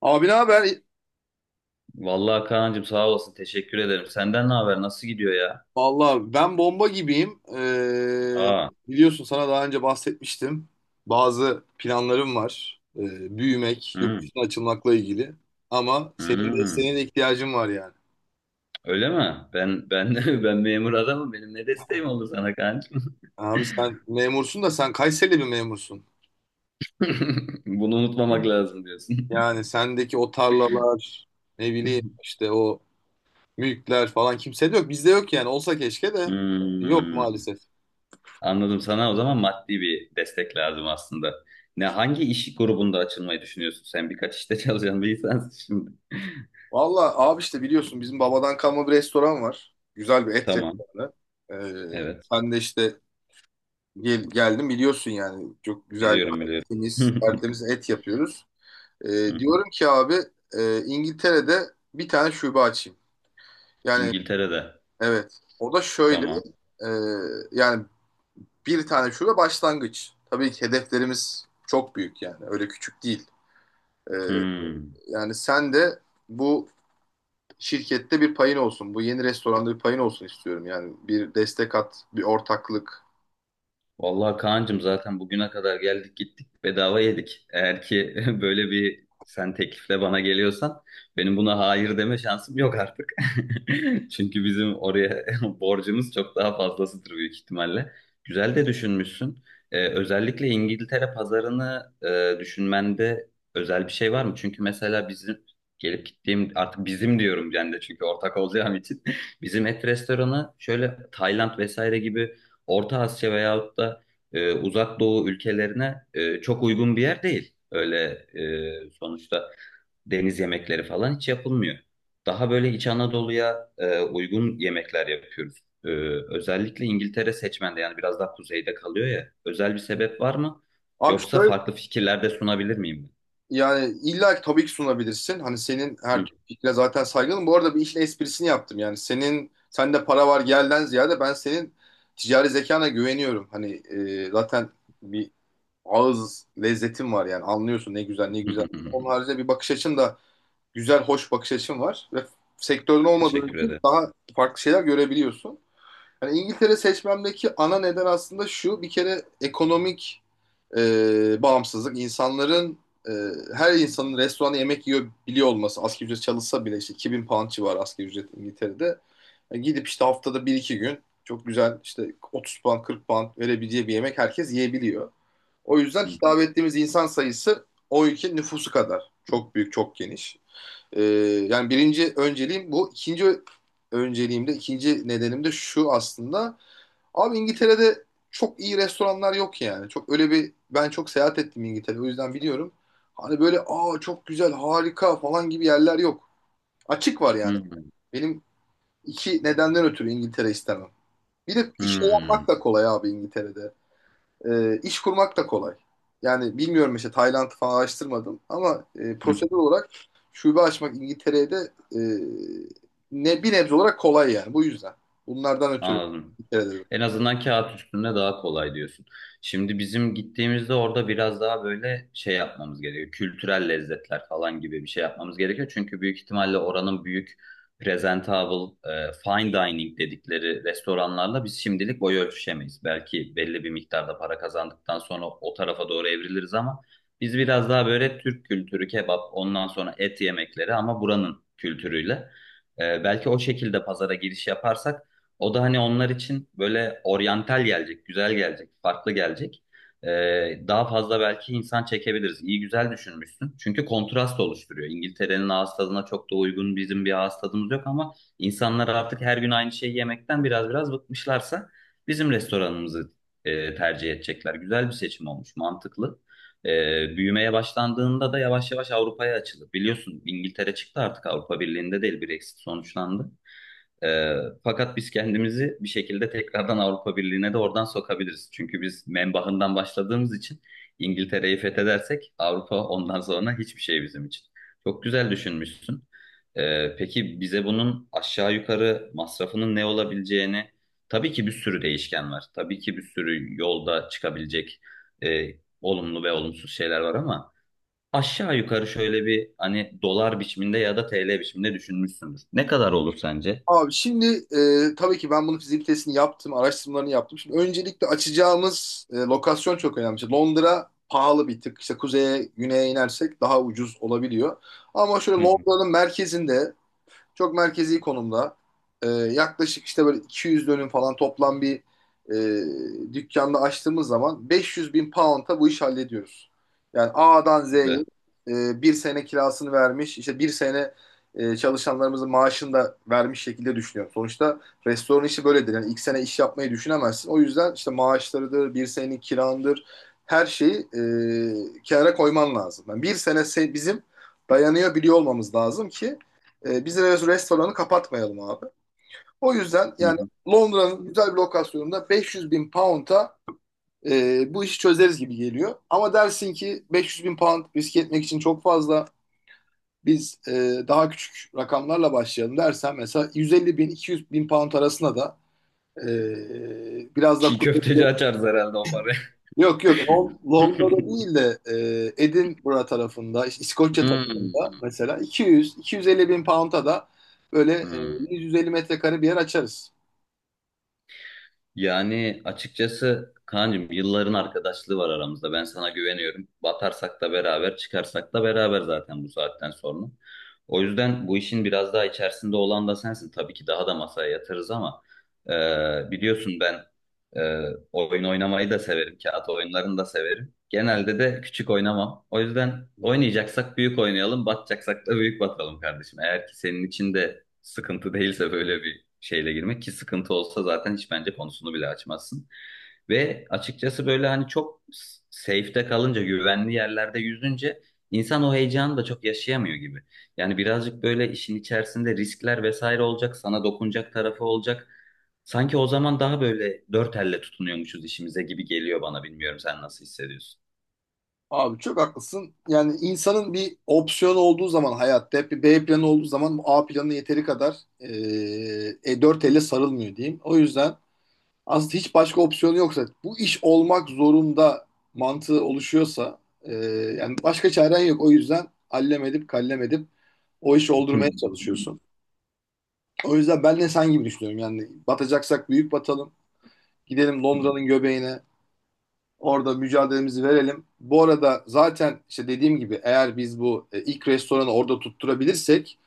Abi ne haber? Vallahi Kaan'cığım sağ olasın. Teşekkür ederim. Senden ne haber? Nasıl gidiyor ya? Vallahi ben bomba gibiyim. Aa. Biliyorsun sana daha önce bahsetmiştim. Bazı planlarım var. Büyümek, yurt Hmm, dışına açılmakla ilgili. Ama senin de hmm. senin de ihtiyacın var yani. Öyle mi? Ben ben memur adamım. Benim ne desteğim oldu sana Kaan'cığım? Abi sen memursun da sen Kayseri'li bir memursun. Bunu unutmamak lazım diyorsun. Yani sendeki o tarlalar, ne bileyim işte o mülkler falan kimsede yok. Bizde yok yani. Olsa keşke de yok Hmm, maalesef. anladım. Sana o zaman maddi bir destek lazım aslında. Ne hangi iş grubunda açılmayı düşünüyorsun? Sen birkaç işte çalışan bir insansın şimdi. Valla abi işte biliyorsun bizim babadan kalma bir restoran var. Güzel bir et Tamam. restoranı. Evet. Sen de işte gel, geldin biliyorsun yani. Çok güzel, Biliyorum biliyorum. temiz, tertemiz et yapıyoruz. Hı hı. Diyorum ki abi İngiltere'de bir tane şube açayım. Yani İngiltere'de. evet o da şöyle Tamam. e, yani bir tane şube başlangıç. Tabii ki hedeflerimiz çok büyük yani öyle küçük değil. Ee, Hmm. yani sen de bu şirkette bir payın olsun. Bu yeni restoranda bir payın olsun istiyorum. Yani bir destek at, bir ortaklık. Vallahi Kaan'cığım zaten bugüne kadar geldik gittik bedava yedik. Eğer ki böyle bir sen teklifle bana geliyorsan benim buna hayır deme şansım yok artık. Çünkü bizim oraya borcumuz çok daha fazlasıdır büyük ihtimalle. Güzel de düşünmüşsün. Özellikle İngiltere pazarını düşünmende özel bir şey var mı? Çünkü mesela bizim gelip gittiğim artık bizim diyorum ben de çünkü ortak olacağım için. Bizim et restoranı şöyle Tayland vesaire gibi Orta Asya veyahut da Uzak Doğu ülkelerine çok uygun bir yer değil. Öyle sonuçta deniz yemekleri falan hiç yapılmıyor. Daha böyle İç Anadolu'ya uygun yemekler yapıyoruz. E, özellikle İngiltere seçmende yani biraz daha kuzeyde kalıyor ya. Özel bir sebep var mı? Abi Yoksa şöyle farklı fikirlerde sunabilir miyim yani illa ki tabii ki sunabilirsin. Hani senin ben? her Hı. türlü fikrine zaten saygılım. Bu arada bir işin esprisini yaptım. Yani senin sende para var gelden ziyade ben senin ticari zekana güveniyorum. Hani zaten bir ağız lezzetin var yani anlıyorsun ne güzel ne güzel. Onun haricinde bir bakış açın da güzel hoş bakış açın var ve sektörün olmadığı Teşekkür için ederim. daha farklı şeyler görebiliyorsun. Hani İngiltere seçmemdeki ana neden aslında şu. Bir kere ekonomik bağımsızlık. İnsanların e, her insanın restoranda yemek yiyor biliyor olması. Asgari ücret çalışsa bile işte 2.000 pound civarı asgari ücret İngiltere'de. Yani gidip işte haftada bir iki gün çok güzel işte 30 pound, 40 pound verebileceği bir yemek herkes yiyebiliyor. O yüzden Hı hı. hitap ettiğimiz insan sayısı o ülkenin nüfusu kadar. Çok büyük, çok geniş. Yani birinci önceliğim bu. İkinci önceliğimde, ikinci nedenim de şu aslında. Abi İngiltere'de çok iyi restoranlar yok yani. Çok öyle bir ben çok seyahat ettim İngiltere. O yüzden biliyorum. Hani böyle aa çok güzel, harika falan gibi yerler yok. Açık var yani. Hı Benim iki nedenden ötürü İngiltere istemem. Bir de iş hı. yapmak da kolay abi İngiltere'de. İş kurmak da kolay. Yani bilmiyorum işte Tayland'ı falan araştırmadım ama Hı hı. prosedür olarak şube açmak İngiltere'ye de e, ne bir nebze olarak kolay yani bu yüzden. Bunlardan ötürü Anladım. İngiltere'de. En azından kağıt üstünde daha kolay diyorsun. Şimdi bizim gittiğimizde orada biraz daha böyle şey yapmamız gerekiyor. Kültürel lezzetler falan gibi bir şey yapmamız gerekiyor. Çünkü büyük ihtimalle oranın büyük presentable, fine dining dedikleri restoranlarla biz şimdilik boy ölçüşemeyiz. Belki belli bir miktarda para kazandıktan sonra o tarafa doğru evriliriz ama biz biraz daha böyle Türk kültürü, kebap, ondan sonra et yemekleri ama buranın kültürüyle. Belki o şekilde pazara giriş yaparsak o da hani onlar için böyle oryantal gelecek, güzel gelecek, farklı gelecek. Daha fazla belki insan çekebiliriz. İyi güzel düşünmüşsün. Çünkü kontrast oluşturuyor. İngiltere'nin ağız tadına çok da uygun bizim bir ağız tadımız yok ama insanlar artık her gün aynı şeyi yemekten biraz bıkmışlarsa bizim restoranımızı tercih edecekler. Güzel bir seçim olmuş, mantıklı. Büyümeye başlandığında da yavaş yavaş Avrupa'ya açılır. Biliyorsun İngiltere çıktı artık Avrupa Birliği'nde değil, Brexit sonuçlandı. Ee, fakat biz kendimizi bir şekilde tekrardan Avrupa Birliği'ne de oradan sokabiliriz. Çünkü biz menbahından başladığımız için İngiltere'yi fethedersek Avrupa ondan sonra hiçbir şey bizim için. Çok güzel düşünmüşsün. Peki bize bunun aşağı yukarı masrafının ne olabileceğini, tabii ki bir sürü değişken var. Tabii ki bir sürü yolda çıkabilecek e, olumlu ve olumsuz şeyler var ama aşağı yukarı şöyle bir hani dolar biçiminde ya da TL biçiminde düşünmüşsündür. Ne kadar olur sence? Abi şimdi tabii ki ben bunun fizik yaptım, araştırmalarını yaptım. Şimdi öncelikle açacağımız lokasyon çok önemli. İşte Londra pahalı bir tık. İşte kuzeye, güneye inersek daha ucuz olabiliyor. Ama şöyle Hı. Londra'nın merkezinde, çok merkezi konumda. Yaklaşık işte böyle 200 dönüm falan toplam bir dükkanda açtığımız zaman 500 bin pound'a bu iş hallediyoruz. Yani A'dan Güzel. Z'yi bir sene kirasını vermiş, işte bir sene çalışanlarımızın maaşını da vermiş şekilde düşünüyorum. Sonuçta restoran işi böyledir. Yani ilk sene iş yapmayı düşünemezsin. O yüzden işte maaşlarıdır, bir senenin kirandır, her şeyi kenara koyman lazım. Yani bir sene bizim dayanıyor biliyor olmamız lazım ki biz restoranı kapatmayalım abi. O yüzden Hı yani hı. Londra'nın güzel bir lokasyonunda 500 bin pound'a bu işi çözeriz gibi geliyor. Ama dersin ki 500 bin pound riske etmek için çok fazla, biz daha küçük rakamlarla başlayalım dersen mesela 150 bin, 200 bin pound arasında da biraz da Çiğ köfteci açarız herhalde o parayı. yok yok, Londra'da değil de Edinburgh tarafında işte İskoçya Hmm. tarafında mesela 200-250 bin pound'a da böyle Hmm. 150 metrekare bir yer açarız. Yani açıkçası Kaan'cığım yılların arkadaşlığı var aramızda. Ben sana güveniyorum. Batarsak da beraber, çıkarsak da beraber zaten bu saatten sonra. O yüzden bu işin biraz daha içerisinde olan da sensin. Tabii ki daha da masaya yatırız ama biliyorsun ben e, oyun oynamayı da severim. Kağıt oyunlarını da severim. Genelde de küçük oynamam. O yüzden oynayacaksak büyük oynayalım, batacaksak da büyük batalım kardeşim. Eğer ki senin için de sıkıntı değilse böyle bir şeyle girmek ki sıkıntı olsa zaten hiç bence konusunu bile açmazsın. Ve açıkçası böyle hani çok safe'te kalınca, güvenli yerlerde yüzünce insan o heyecanı da çok yaşayamıyor gibi. Yani birazcık böyle işin içerisinde riskler vesaire olacak, sana dokunacak tarafı olacak. Sanki o zaman daha böyle dört elle tutunuyormuşuz işimize gibi geliyor bana. Bilmiyorum sen nasıl hissediyorsun? Abi çok haklısın. Yani insanın bir opsiyon olduğu zaman, hayatta hep bir B planı olduğu zaman bu A planı yeteri kadar dört elle sarılmıyor diyeyim. O yüzden aslında hiç başka opsiyon yoksa bu iş olmak zorunda mantığı oluşuyorsa yani başka çaren yok. O yüzden allem edip kallem edip o işi oldurmaya çalışıyorsun. O yüzden ben de sen gibi düşünüyorum. Yani batacaksak büyük batalım. Gidelim Londra'nın göbeğine. Orada mücadelemizi verelim. Bu arada zaten işte dediğim gibi eğer biz bu ilk restoranı orada tutturabilirsek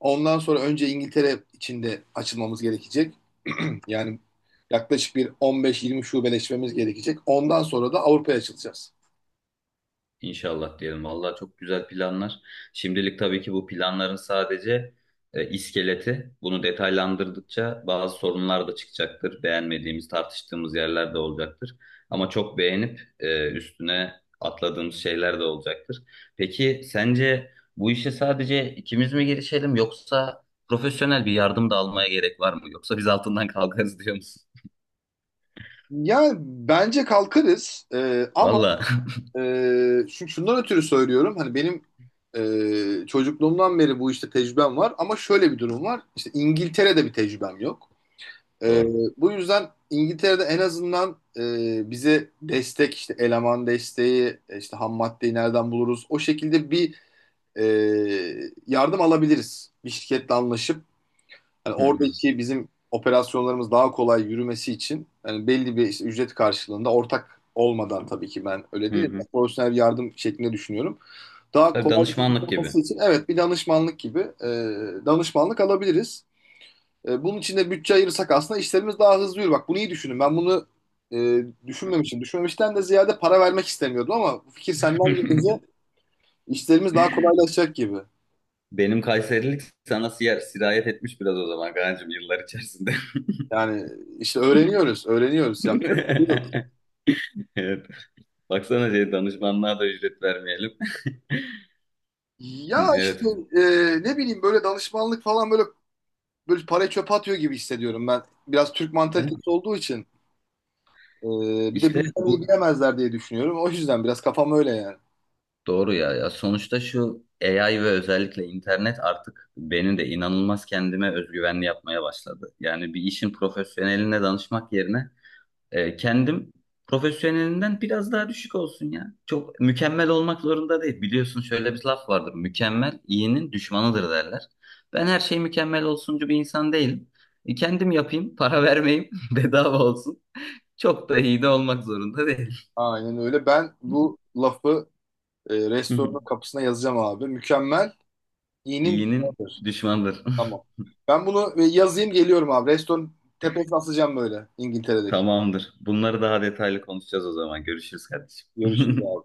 ondan sonra önce İngiltere içinde açılmamız gerekecek. Yani yaklaşık bir 15-20 şubeleşmemiz gerekecek. Ondan sonra da Avrupa'ya açılacağız. İnşallah diyelim. Vallahi çok güzel planlar. Şimdilik tabii ki bu planların sadece iskeleti. Bunu detaylandırdıkça bazı sorunlar da çıkacaktır. Beğenmediğimiz, tartıştığımız yerler de olacaktır. Ama çok beğenip üstüne atladığımız şeyler de olacaktır. Peki sence bu işe sadece ikimiz mi girişelim yoksa profesyonel bir yardım da almaya gerek var mı? Yoksa biz altından kalkarız diyor musun? Yani bence kalkarız, ama Vallahi. e, şundan ötürü söylüyorum. Hani benim çocukluğumdan beri bu işte tecrübem var ama şöyle bir durum var. İşte İngiltere'de bir tecrübem yok. Ee, Doğru. bu yüzden İngiltere'de en azından bize destek işte eleman desteği işte ham maddeyi nereden buluruz, o şekilde bir e, yardım alabiliriz bir şirketle anlaşıp. Hani Hı hı. oradaki bizim operasyonlarımız daha kolay yürümesi için, hani belli bir işte ücret karşılığında ortak olmadan tabii ki, ben öyle Hı değilim, ben hı. profesyonel bir yardım şeklinde düşünüyorum daha Tabii kolay danışmanlık gibi. olması için. Evet, bir danışmanlık gibi, danışmanlık alabiliriz. Bunun için de bütçe ayırırsak aslında işlerimiz daha hızlı yürür. Bak bunu iyi düşünün. Ben bunu Hı. düşünmemişim. Düşünmemişten de ziyade para vermek istemiyordum ama bu fikir senden gelince işlerimiz daha kolaylaşacak gibi. Benim Kayserilik sana sirayet etmiş biraz o zaman Kaan'cığım yıllar içerisinde. Yani işte öğreniyoruz, öğreniyoruz. Yapacak bir şey yok. Evet. Baksana şey, danışmanlığa da ücret vermeyelim. Ya Hı, işte evet. Ne bileyim böyle danışmanlık falan böyle parayı çöpe atıyor gibi hissediyorum ben. Biraz Türk De- mantalitesi olduğu için e, bir de İşte bizden iyi bu bilemezler diye düşünüyorum. O yüzden biraz kafam öyle yani. doğru ya. Ya sonuçta şu AI ve özellikle internet artık beni de inanılmaz kendime özgüvenli yapmaya başladı. Yani bir işin profesyoneline danışmak yerine kendim profesyonelinden biraz daha düşük olsun ya. Çok mükemmel olmak zorunda değil. Biliyorsun şöyle bir laf vardır. Mükemmel iyinin düşmanıdır derler. Ben her şey mükemmel olsuncu bir insan değilim. Kendim yapayım, para vermeyeyim, bedava olsun. Çok da iyi de olmak zorunda değil. Aynen öyle. Ben bu lafı Hı hı. restoranın kapısına yazacağım abi. Mükemmel İyinin İyinin düşmanıdır. düşmanıdır. Tamam. Ben bunu yazayım geliyorum abi. Restoran tepesine asacağım böyle İngiltere'deki. Tamamdır. Bunları daha detaylı konuşacağız o zaman. Görüşürüz kardeşim. Görüşürüz.